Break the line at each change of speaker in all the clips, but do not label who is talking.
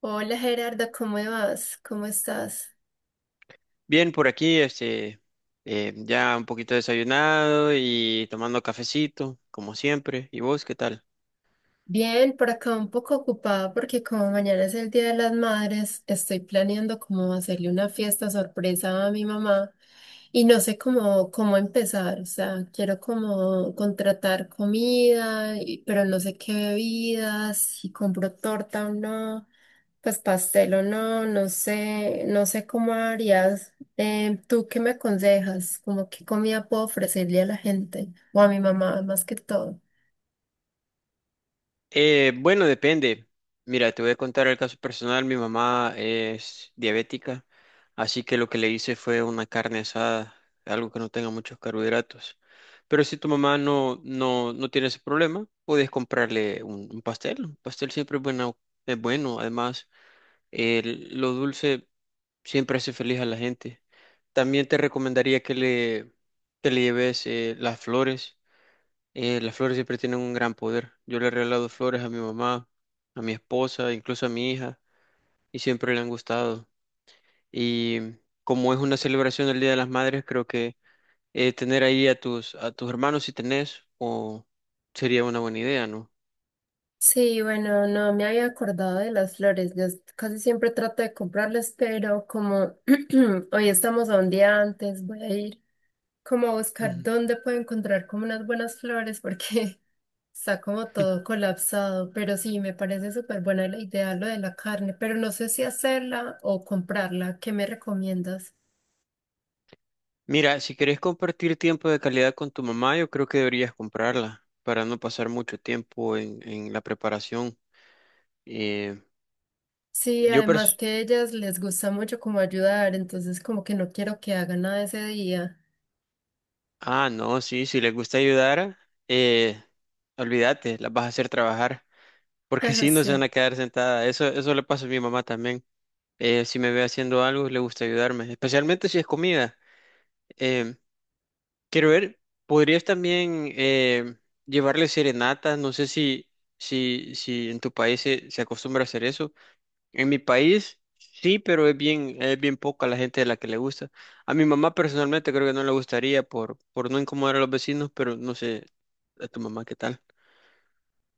Hola Gerarda, ¿cómo vas? ¿Cómo estás?
Bien, por aquí, ya un poquito desayunado y tomando cafecito, como siempre. ¿Y vos qué tal?
Bien, por acá un poco ocupada porque como mañana es el Día de las Madres, estoy planeando cómo hacerle una fiesta sorpresa a mi mamá y no sé cómo empezar, o sea, quiero como contratar comida, pero no sé qué bebidas, si compro torta o no. Pues pastel o no, no sé cómo harías. ¿Tú qué me aconsejas? ¿Cómo qué comida puedo ofrecerle a la gente? O a mi mamá, más que todo.
Bueno, depende. Mira, te voy a contar el caso personal. Mi mamá es diabética, así que lo que le hice fue una carne asada, algo que no tenga muchos carbohidratos. Pero si tu mamá no tiene ese problema, puedes comprarle un pastel. Un pastel siempre es bueno, es bueno. Además, lo dulce siempre hace feliz a la gente. También te recomendaría que le lleves las flores. Las flores siempre tienen un gran poder. Yo le he regalado flores a mi mamá, a mi esposa, incluso a mi hija, y siempre le han gustado. Y como es una celebración del Día de las Madres, creo que tener ahí a a tus hermanos si tenés, o sería una buena idea, ¿no?
Sí, bueno, no me había acordado de las flores. Yo casi siempre trato de comprarlas, pero como hoy estamos a un día antes, voy a ir como a buscar dónde puedo encontrar como unas buenas flores, porque está como todo colapsado, pero sí, me parece súper buena la idea lo de la carne, pero no sé si hacerla o comprarla. ¿Qué me recomiendas?
Mira, si querés compartir tiempo de calidad con tu mamá, yo creo que deberías comprarla para no pasar mucho tiempo en la preparación. Eh,
Sí,
yo
además
pers-
que a ellas les gusta mucho como ayudar, entonces como que no quiero que hagan nada ese día.
Ah, no, sí, si les gusta ayudar, eh, olvídate, las vas a hacer trabajar, porque si no se van
Sí.
a quedar sentadas. Eso le pasa a mi mamá también. Si me ve haciendo algo, le gusta ayudarme, especialmente si es comida. Em, Quiero ver, podrías también llevarle serenatas, no sé si en tu país se acostumbra a hacer eso. En mi país sí, pero es bien poca la gente de la que le gusta. A mi mamá personalmente creo que no le gustaría por no incomodar a los vecinos, pero no sé, a tu mamá qué tal.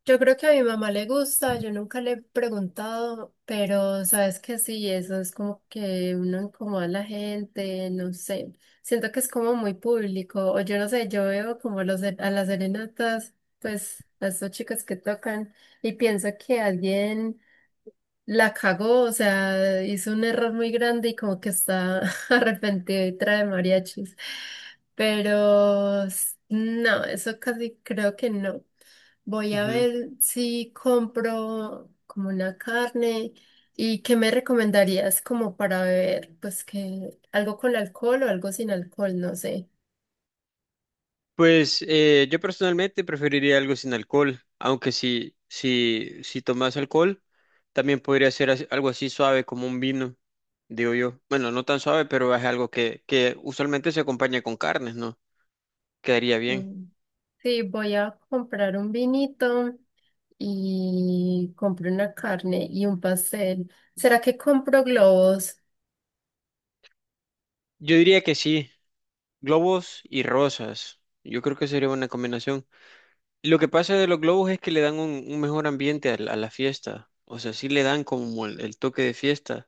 Yo creo que a mi mamá le gusta, yo nunca le he preguntado, pero sabes que sí, eso es como que uno incomoda a la gente, no sé, siento que es como muy público, o yo no sé, yo veo como a las serenatas, pues a estos chicos que tocan y pienso que alguien la cagó, o sea, hizo un error muy grande y como que está arrepentido y trae mariachis. Pero no, eso casi creo que no. Voy a ver si compro como una carne y qué me recomendarías como para beber, pues que algo con alcohol o algo sin alcohol, no sé.
Pues yo personalmente preferiría algo sin alcohol, aunque si tomas alcohol, también podría ser algo así suave como un vino, digo yo. Bueno, no tan suave, pero es algo que usualmente se acompaña con carnes, ¿no? Quedaría bien.
Sí, sí, voy a comprar un vinito y compré una carne y un pastel. ¿Será que compro globos?
Yo diría que sí, globos y rosas. Yo creo que sería una combinación. Lo que pasa de los globos es que le dan un mejor ambiente a a la fiesta. O sea, sí le dan como el toque de fiesta.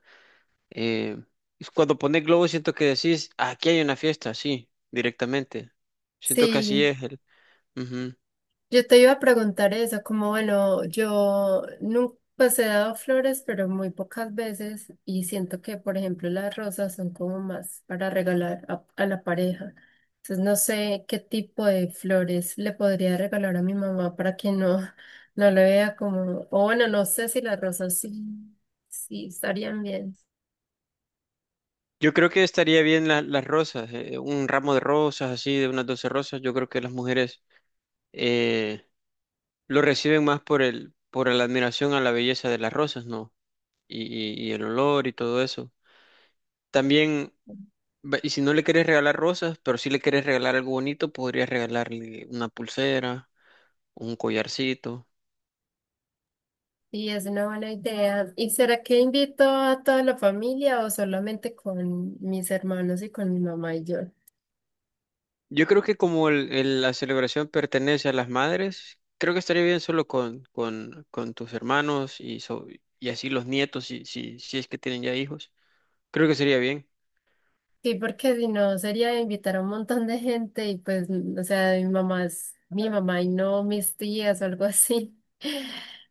Eh, es cuando pones globo siento que decís, "Ah, aquí hay una fiesta, sí, directamente". Siento que así
Sí,
es el... Ujú.
yo te iba a preguntar eso, como bueno, yo nunca pues he dado flores, pero muy pocas veces y siento que, por ejemplo, las rosas son como más para regalar a la pareja. Entonces no sé qué tipo de flores le podría regalar a mi mamá para que no, no le vea como, o bueno, no sé si las rosas sí, sí estarían bien.
Yo creo que estaría bien las rosas, un ramo de rosas, así, de unas 12 rosas. Yo creo que las mujeres eh, lo reciben más por por la admiración a la belleza de las rosas, ¿no? Y el olor y todo eso. También, y si no le querés regalar rosas, pero si le querés regalar algo bonito, podrías regalarle una pulsera, un collarcito.
Sí, es una buena idea. ¿Y será que invito a toda la familia o solamente con mis hermanos y con mi mamá y yo?
Yo creo que como la celebración pertenece a las madres, creo que estaría bien solo con tus hermanos y así los nietos, si es que tienen ya hijos. Creo que sería bien.
Sí, porque si no sería invitar a un montón de gente y pues, o sea, mi mamá es mi mamá y no mis tías o algo así.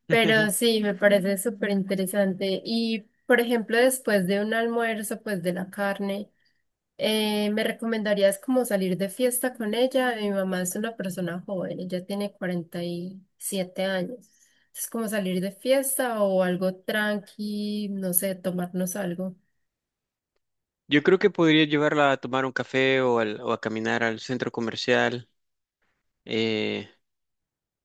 Pero sí, me parece súper interesante. Y, por ejemplo, después de un almuerzo, pues de la carne. ¿Me recomendarías como salir de fiesta con ella? Mi mamá es una persona joven, ella tiene 47 años. Es como salir de fiesta o algo tranqui, no sé, tomarnos algo.
Yo creo que podría llevarla a tomar un café o a caminar al centro comercial eh,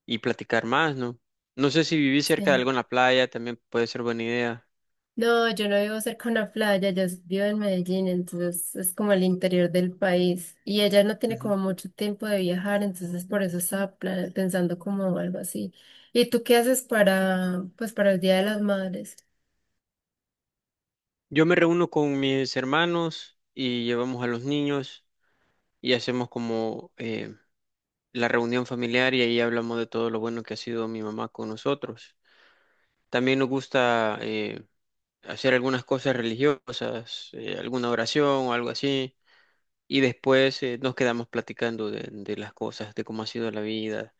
y platicar más, ¿no? No sé si vivís cerca de
Sí.
alguna playa, también puede ser buena idea.
No, yo no vivo cerca de una playa, yo vivo en Medellín, entonces es como el interior del país. Y ella no tiene
Ujú.
como mucho tiempo de viajar, entonces por eso estaba pensando como algo así. ¿Y tú qué haces para, pues, para el Día de las Madres?
Yo me reúno con mis hermanos y llevamos a los niños y hacemos como... la reunión familiar y ahí hablamos de todo lo bueno que ha sido mi mamá con nosotros. También nos gusta hacer algunas cosas religiosas, alguna oración o algo así, y después nos quedamos platicando de las cosas, de cómo ha sido la vida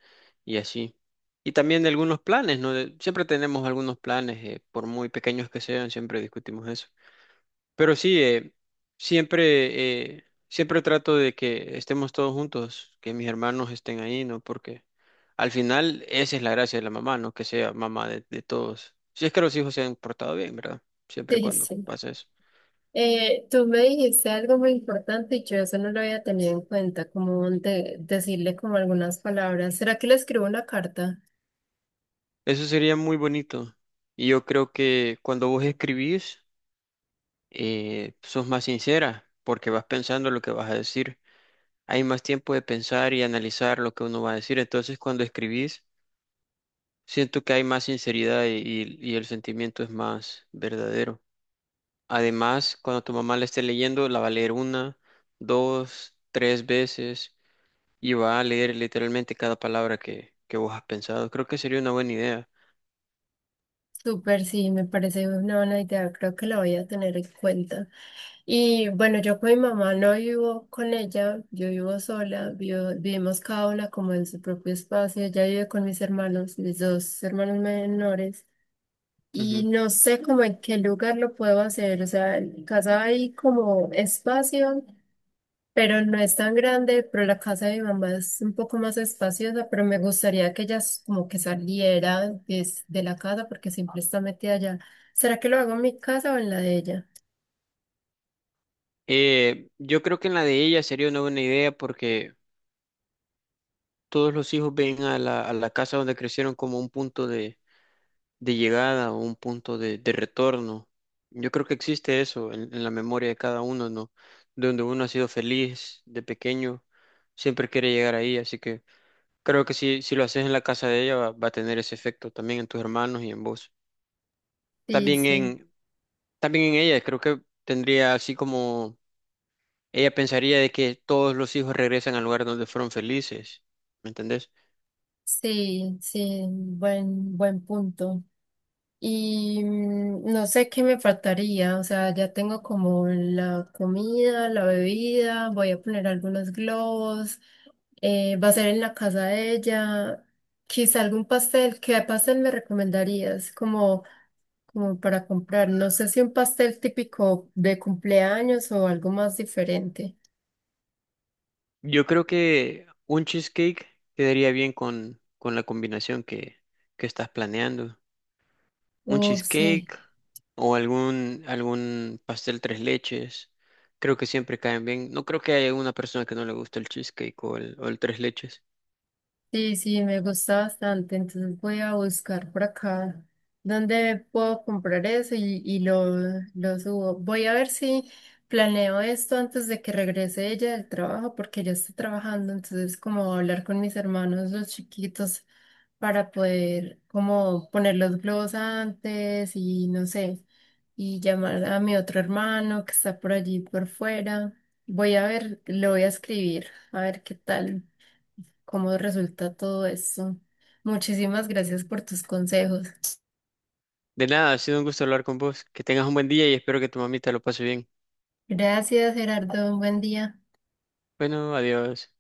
y así. Y también de algunos planes, ¿no? Siempre tenemos algunos planes, por muy pequeños que sean, siempre discutimos eso. Pero sí, siempre trato de que estemos todos juntos, que mis hermanos estén ahí, ¿no? Porque al final esa es la gracia de la mamá, ¿no? Que sea mamá de todos. Si es que los hijos se han portado bien, ¿verdad? Siempre y
Sí,
cuando
sí.
pase eso.
Tú me dijiste algo muy importante y yo eso no lo había tenido en cuenta, como decirle como algunas palabras. ¿Será que le escribo una carta?
Eso sería muy bonito. Y yo creo que cuando vos escribís, sos más sincera, porque vas pensando lo que vas a decir. Hay más tiempo de pensar y analizar lo que uno va a decir. Entonces, cuando escribís, siento que hay más sinceridad y el sentimiento es más verdadero. Además, cuando tu mamá la esté leyendo, la va a leer una, dos, tres veces y va a leer literalmente cada palabra que vos has pensado. Creo que sería una buena idea.
Súper, sí, me parece una buena idea, creo que la voy a tener en cuenta. Y bueno, yo con mi mamá no vivo con ella, yo vivo sola, vivimos cada una como en su propio espacio, ella vive con mis hermanos, mis dos hermanos menores. Y
Ujú.
no sé como en qué lugar lo puedo hacer, o sea, en casa hay como espacio. Pero no es tan grande, pero la casa de mi mamá es un poco más espaciosa, pero me gustaría que ella como que saliera de la casa porque siempre está metida allá. ¿Será que lo hago en mi casa o en la de ella?
Yo creo que en la de ella sería una buena idea porque todos los hijos ven a a la casa donde crecieron como un punto de llegada o un punto de retorno. Yo creo que existe eso en la memoria de cada uno, ¿no? Donde uno ha sido feliz de pequeño, siempre quiere llegar ahí, así que creo que si lo haces en la casa de ella va a tener ese efecto también en tus hermanos y en vos.
Sí,
También
sí,
en, También en ella, creo que tendría así como ella pensaría de que todos los hijos regresan al lugar donde fueron felices, ¿me entendés?
sí, sí, buen punto. Y no sé qué me faltaría, o sea, ya tengo como la comida, la bebida, voy a poner algunos globos, va a ser en la casa de ella, quizá algún pastel. ¿Qué pastel me recomendarías? Como para comprar, no sé si un pastel típico de cumpleaños o algo más diferente.
Yo creo que un cheesecake quedaría bien con la combinación que estás planeando. Un
Uf, sí.
cheesecake o algún pastel tres leches. Creo que siempre caen bien. No creo que haya una persona que no le guste el cheesecake o el tres leches.
Sí, sí, me gusta bastante. Entonces voy a buscar por acá dónde puedo comprar eso lo subo. Voy a ver si planeo esto antes de que regrese ella del trabajo, porque ella está trabajando. Entonces, como hablar con mis hermanos, los chiquitos, para poder como poner los globos antes y no sé, y llamar a mi otro hermano que está por allí por fuera. Voy a ver, lo voy a escribir, a ver qué tal cómo resulta todo eso. Muchísimas gracias por tus consejos.
De nada, ha sido un gusto hablar con vos. Que tengas un buen día y espero que tu mamita lo pase bien.
Gracias, Gerardo. Un buen día.
Bueno, adiós.